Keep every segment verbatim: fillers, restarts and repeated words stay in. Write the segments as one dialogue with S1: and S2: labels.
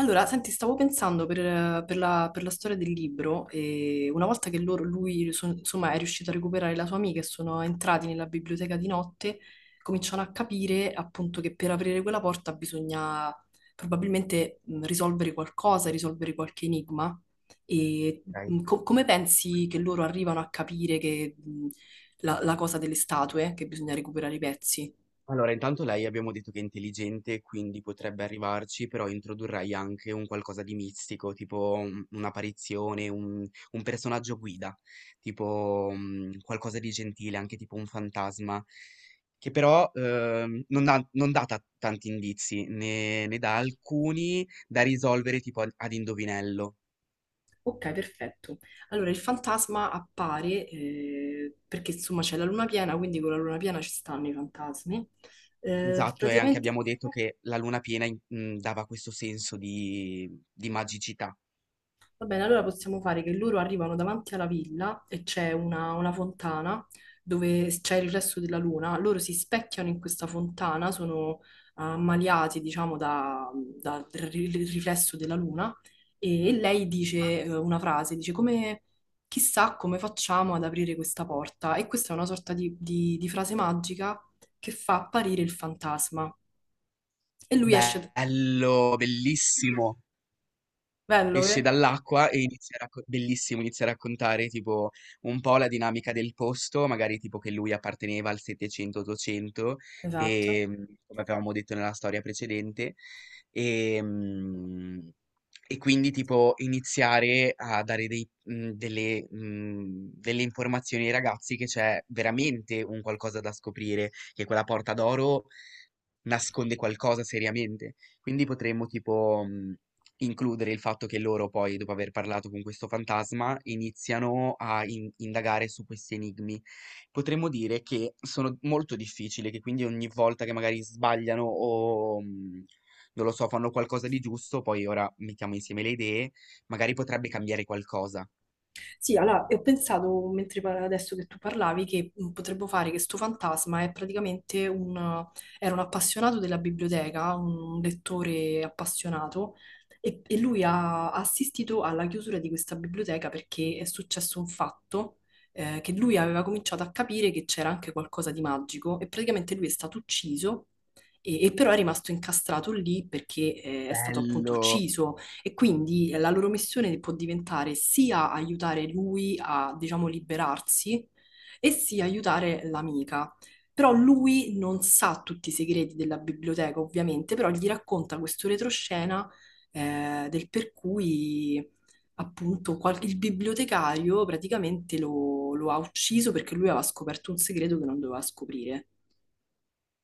S1: Allora, senti, stavo pensando per, per la, per la storia del libro, e una volta che loro, lui so- insomma, è riuscito a recuperare la sua amica e sono entrati nella biblioteca di notte, cominciano a capire appunto che per aprire quella porta bisogna probabilmente mh, risolvere qualcosa, risolvere qualche enigma. E
S2: Okay.
S1: mh, co- come pensi che loro arrivano a capire che mh, la, la cosa delle statue, che bisogna recuperare i pezzi?
S2: Allora intanto lei abbiamo detto che è intelligente, quindi potrebbe arrivarci, però introdurrei anche un qualcosa di mistico, tipo un un'apparizione, un un personaggio guida, tipo, mhmm, qualcosa di gentile, anche tipo un fantasma, che però, uhm, non dà non dà ta tanti indizi, ne ne dà alcuni da risolvere tipo ad ad indovinello.
S1: Ok, perfetto. Allora, il fantasma appare eh, perché insomma c'è la luna piena, quindi con la luna piena ci stanno i fantasmi. Eh,
S2: Esatto, e anche
S1: praticamente
S2: abbiamo detto che la luna piena in mhmm, dava questo senso di di magicità.
S1: Va bene, allora possiamo fare che loro arrivano davanti alla villa e c'è una, una fontana dove c'è il riflesso della luna. Loro si specchiano in questa fontana, sono ammaliati, diciamo, da- dal ri- riflesso della luna e lei dice eh, una frase, dice come, chissà come facciamo ad aprire questa porta. E questa è una sorta di, di- di frase magica che fa apparire il fantasma. E lui esce,
S2: Bello, bellissimo.
S1: bello,
S2: Esce
S1: eh?
S2: dall'acqua e inizia a racco- bellissimo, inizia a raccontare tipo un po' la dinamica del posto, magari tipo che lui apparteneva al settecento ottocento
S1: Esatto.
S2: e mm, come avevamo detto nella storia precedente e, mm, e quindi tipo iniziare a dare dei- mm, delle, mm, delle informazioni ai ragazzi che c'è veramente un qualcosa da scoprire, che quella porta d'oro nasconde qualcosa seriamente. Quindi potremmo tipo mh, includere il fatto che loro poi, dopo aver parlato con questo fantasma, iniziano a in- indagare su questi enigmi. Potremmo dire che sono molto difficili, che quindi ogni volta che magari sbagliano o mh, non lo so, fanno qualcosa di giusto, poi ora mettiamo insieme le idee, magari potrebbe cambiare qualcosa.
S1: Sì, allora, e ho pensato, mentre par- adesso che tu parlavi, che mm, potremmo fare che sto fantasma è praticamente un, era un appassionato della biblioteca, un lettore appassionato, e, e lui ha assistito alla chiusura di questa biblioteca perché è successo un fatto, eh, che lui aveva cominciato a capire che c'era anche qualcosa di magico, e praticamente lui è stato ucciso, e, e però è rimasto incastrato lì perché, eh, è stato appunto
S2: Bello.
S1: ucciso e quindi eh, la loro missione può diventare sia aiutare lui a, diciamo, liberarsi e sia aiutare l'amica. Però lui non sa tutti i segreti della biblioteca, ovviamente, però gli racconta questo retroscena eh, del per cui appunto qual- il bibliotecario praticamente lo, lo ha ucciso perché lui aveva scoperto un segreto che non doveva scoprire.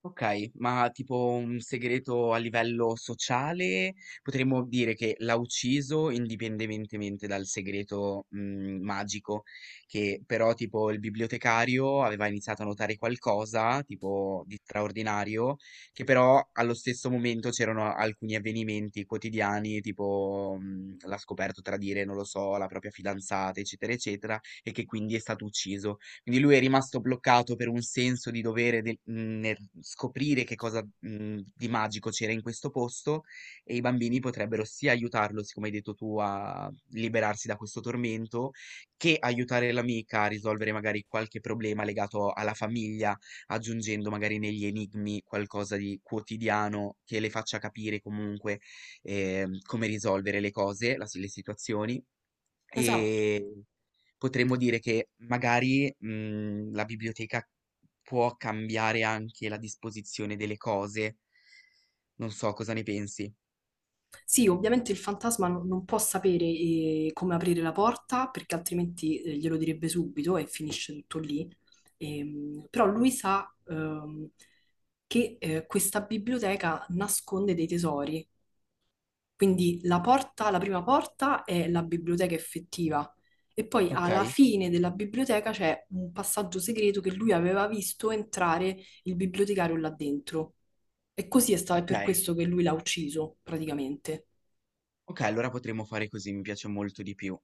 S2: Okay, ma tipo un segreto a livello sociale, potremmo dire che l'ha ucciso indipendentemente dal segreto, mhmm, magico, che però tipo il bibliotecario aveva iniziato a notare qualcosa, tipo di straordinario, che però allo stesso momento c'erano alcuni avvenimenti quotidiani, tipo, mhmm, l'ha scoperto tradire, non lo so, la propria fidanzata, eccetera, eccetera, e che quindi è stato ucciso. Quindi lui è rimasto bloccato per un senso di dovere del mhmm, nel scoprire che cosa, mhmm, di magico c'era in questo posto e i bambini potrebbero sia aiutarlo, siccome hai detto tu, a liberarsi da questo tormento, che aiutare l'amica a risolvere magari qualche problema legato alla famiglia, aggiungendo magari negli enigmi qualcosa di quotidiano che le faccia capire comunque, ehm, come risolvere le cose, la si le situazioni.
S1: Esatto.
S2: Ehm Potremmo dire che magari, mhmm, la biblioteca può cambiare anche la disposizione delle cose. Non so, cosa ne pensi?
S1: Sì, ovviamente il fantasma non, non può sapere eh, come aprire la porta perché altrimenti eh, glielo direbbe subito e finisce tutto lì. Ehm, però lui sa ehm, che eh, questa biblioteca nasconde dei tesori, quindi la porta, la prima porta è la biblioteca effettiva e poi alla
S2: Okay,
S1: fine della biblioteca c'è un passaggio segreto che lui aveva visto entrare il bibliotecario là dentro. E così è stato, è per
S2: okay.
S1: questo che lui l'ha ucciso, praticamente.
S2: Okay, allora potremmo fare così, mi piace molto di più.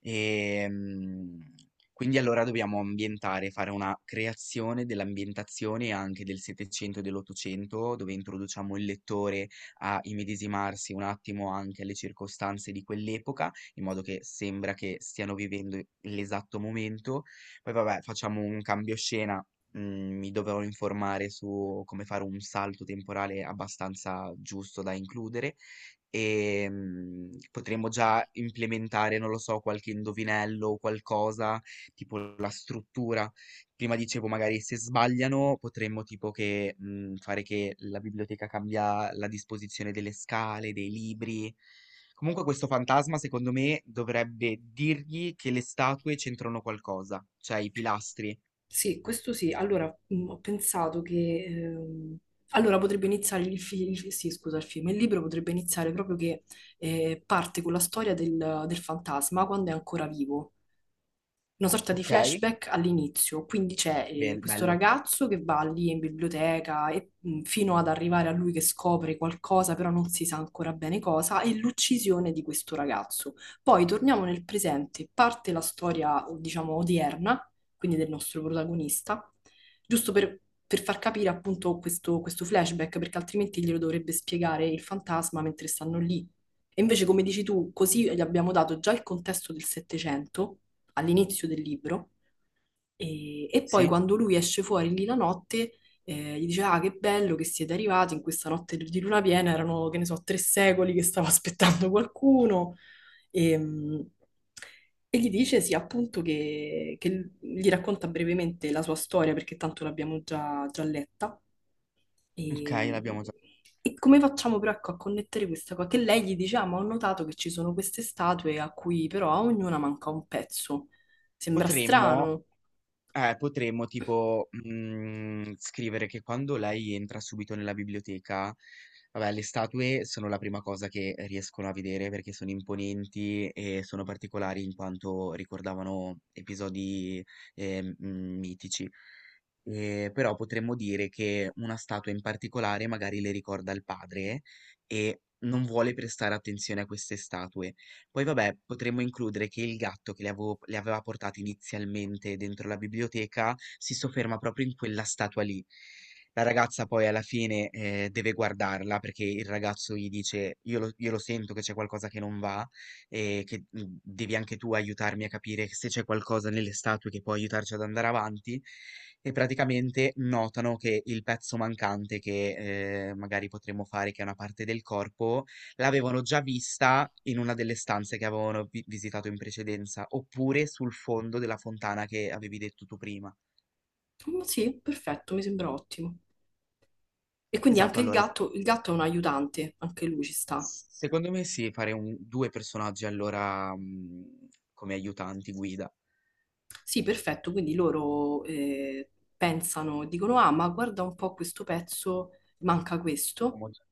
S2: Ehm, quindi allora dobbiamo ambientare, fare una creazione dell'ambientazione anche del 'settecento e dell'Ottocento, dove introduciamo il lettore a immedesimarsi un attimo anche alle circostanze di quell'epoca, in modo che sembra che stiano vivendo l'esatto momento. Poi vabbè, facciamo un cambio scena, mhmm, mi dovrò informare su come fare un salto temporale abbastanza giusto da includere. Ehm, potremmo già implementare, non lo so, qualche indovinello o qualcosa, tipo la struttura. Prima dicevo magari se sbagliano potremmo tipo che, mhmm, fare che la biblioteca cambia la disposizione delle scale, dei libri. Comunque questo fantasma secondo me dovrebbe dirgli che le statue c'entrano qualcosa, cioè i pilastri.
S1: Sì, questo sì. Allora, mh, ho pensato che... ehm, allora, potrebbe iniziare il, fi- il- sì, scusa, il film, il libro potrebbe iniziare proprio che eh, parte con la storia del, del fantasma quando è ancora vivo, una sorta di
S2: Okay?
S1: flashback all'inizio, quindi c'è eh,
S2: Bel
S1: questo
S2: bello.
S1: ragazzo che va lì in biblioteca e, mh, fino ad arrivare a lui che scopre qualcosa, però non si sa ancora bene cosa, e l'uccisione di questo ragazzo. Poi torniamo nel presente, parte la storia, diciamo, odierna, quindi del nostro protagonista, giusto per, per far capire appunto questo, questo flashback, perché altrimenti glielo dovrebbe spiegare il fantasma mentre stanno lì. E invece, come dici tu, così gli abbiamo dato già il contesto del Settecento all'inizio del libro e, e poi
S2: Sì?
S1: quando lui esce fuori lì la notte eh, gli dice, ah che bello che siete arrivati in questa notte di luna piena, erano che ne so tre secoli che stavo aspettando qualcuno e, mh, e gli dice sì appunto che, che gli racconta brevemente la sua storia perché tanto l'abbiamo già, già letta
S2: Okay,
S1: e,
S2: l'abbiamo già.
S1: e come facciamo però ecco, a connettere questa cosa? Che lei gli dice, ah, ma ho notato che ci sono queste statue a cui però a ognuna manca un pezzo. Sembra
S2: Potremmo
S1: strano.
S2: Eh, potremmo tipo, mhmm, scrivere che quando lei entra subito nella biblioteca, vabbè, le statue sono la prima cosa che riescono a vedere perché sono imponenti e sono particolari in quanto ricordavano episodi, ehm, mhmm, mitici. Ehm, però potremmo dire che una statua in particolare magari le ricorda il padre e non vuole prestare attenzione a queste statue. Poi vabbè, potremmo includere che il gatto che le avevo le aveva portate inizialmente dentro la biblioteca, si sofferma proprio in quella statua lì. La ragazza poi alla fine, ehm, deve guardarla perché il ragazzo gli dice: "Io lo io lo sento che c'è qualcosa che non va e che, mhmm, devi anche tu aiutarmi a capire se c'è qualcosa nelle statue che può aiutarci ad andare avanti." E praticamente notano che il pezzo mancante, che, ehm, magari potremmo fare che è una parte del corpo, l'avevano già vista in una delle stanze che avevano vi- visitato in precedenza, oppure sul fondo della fontana che avevi detto tu prima.
S1: Mm, sì, perfetto, mi sembra ottimo. E quindi
S2: Esatto,
S1: anche il
S2: allora,
S1: gatto, il gatto è un aiutante, anche lui ci sta.
S2: secondo me sì, fare un- due personaggi allora mm, come aiutanti guida.
S1: Sì, perfetto, quindi loro eh, pensano, dicono, ah, ma guarda un po' questo pezzo, manca questo.
S2: Abbiamo già-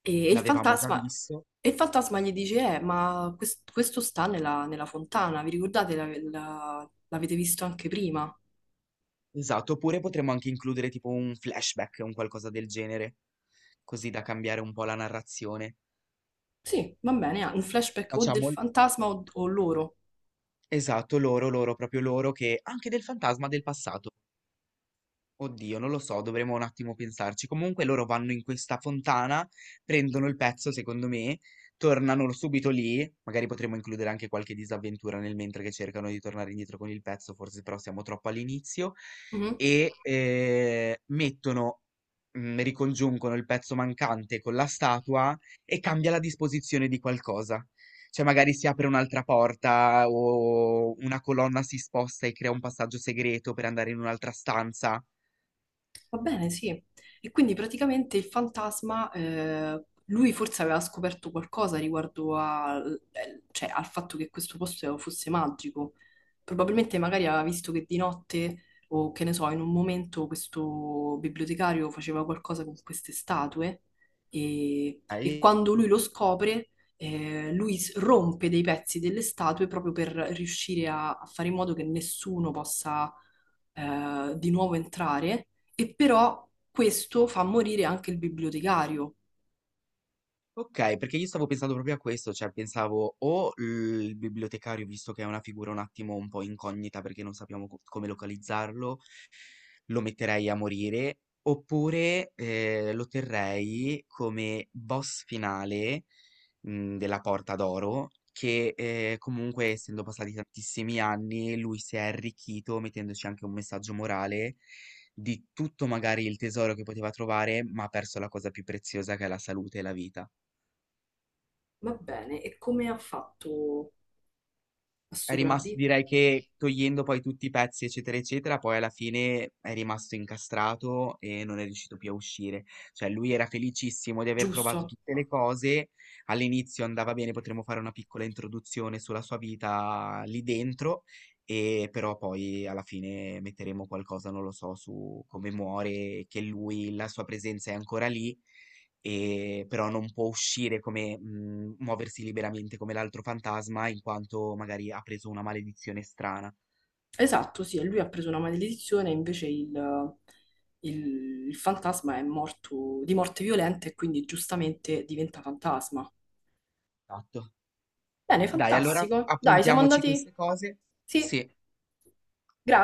S1: E il
S2: L'avevamo già
S1: fantasma,
S2: visto.
S1: e il fantasma gli dice, eh, ma quest- questo sta nella, nella fontana, vi ricordate? La- la- l'avete visto anche prima?
S2: Esatto, oppure potremmo anche includere tipo un flashback, un qualcosa del genere, così da cambiare un po' la narrazione.
S1: Sì, va bene, ah, un flashback o del
S2: Facciamo. il-
S1: fantasma o, o loro.
S2: Esatto, loro, loro, proprio loro, che anche del fantasma del passato. Oddio, non lo so, dovremmo un attimo pensarci. Comunque loro vanno in questa fontana, prendono il pezzo, secondo me, tornano subito lì. Magari potremmo includere anche qualche disavventura nel mentre che cercano di tornare indietro con il pezzo, forse però siamo troppo all'inizio.
S1: Mhm.
S2: E eh, mettono, mm, ricongiungono il pezzo mancante con la statua e cambia la disposizione di qualcosa. Cioè, magari si apre un'altra porta o una colonna si sposta e crea un passaggio segreto per andare in un'altra stanza.
S1: Va bene, sì. E quindi praticamente il fantasma, eh, lui forse aveva scoperto qualcosa riguardo al eh, cioè, al fatto che questo posto fosse magico. Probabilmente magari aveva visto che di notte o che ne so, in un momento questo bibliotecario faceva qualcosa con queste statue e, e
S2: Okay.
S1: quando lui lo scopre, eh, lui s- rompe dei pezzi delle statue proprio per riuscire a, a fare in modo che nessuno possa eh, di nuovo entrare, e però questo fa morire anche il bibliotecario.
S2: Okay, perché io stavo pensando proprio a questo, cioè pensavo o il bibliotecario, visto che è una figura un attimo un po' incognita perché non sappiamo co come localizzarlo, lo metterei a morire, oppure, ehm, lo terrei come boss finale, mhmm, della Porta d'Oro che, ehm, comunque essendo passati tantissimi anni, lui si è arricchito mettendoci anche un messaggio morale di tutto magari il tesoro che poteva trovare, ma ha perso la cosa più preziosa che è la salute e la vita.
S1: Va bene, e come ha fatto a
S2: È rimasto
S1: sopravvivere?
S2: direi che togliendo poi tutti i pezzi, eccetera, eccetera, poi alla fine è rimasto incastrato e non è riuscito più a uscire. Cioè lui era felicissimo di aver trovato
S1: Giusto.
S2: tutte le cose, all'inizio andava bene, potremmo fare una piccola introduzione sulla sua vita lì dentro, e però poi alla fine metteremo qualcosa, non lo so, su come muore, che lui, la sua presenza è ancora lì, ehm, però non può uscire come mhmm, muoversi liberamente come l'altro fantasma, in quanto magari ha preso una maledizione strana.
S1: Esatto, sì, e lui ha preso una maledizione, invece il, il- il fantasma è morto di morte violenta e quindi giustamente diventa fantasma.
S2: Esatto.
S1: Bene,
S2: Dai, allora
S1: fantastico. Dai, siamo
S2: appuntiamoci
S1: andati.
S2: queste cose,
S1: Sì,
S2: sì,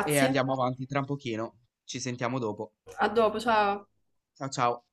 S2: e andiamo avanti tra un pochino. Ci sentiamo dopo.
S1: A dopo, ciao.
S2: Ciao, ciao.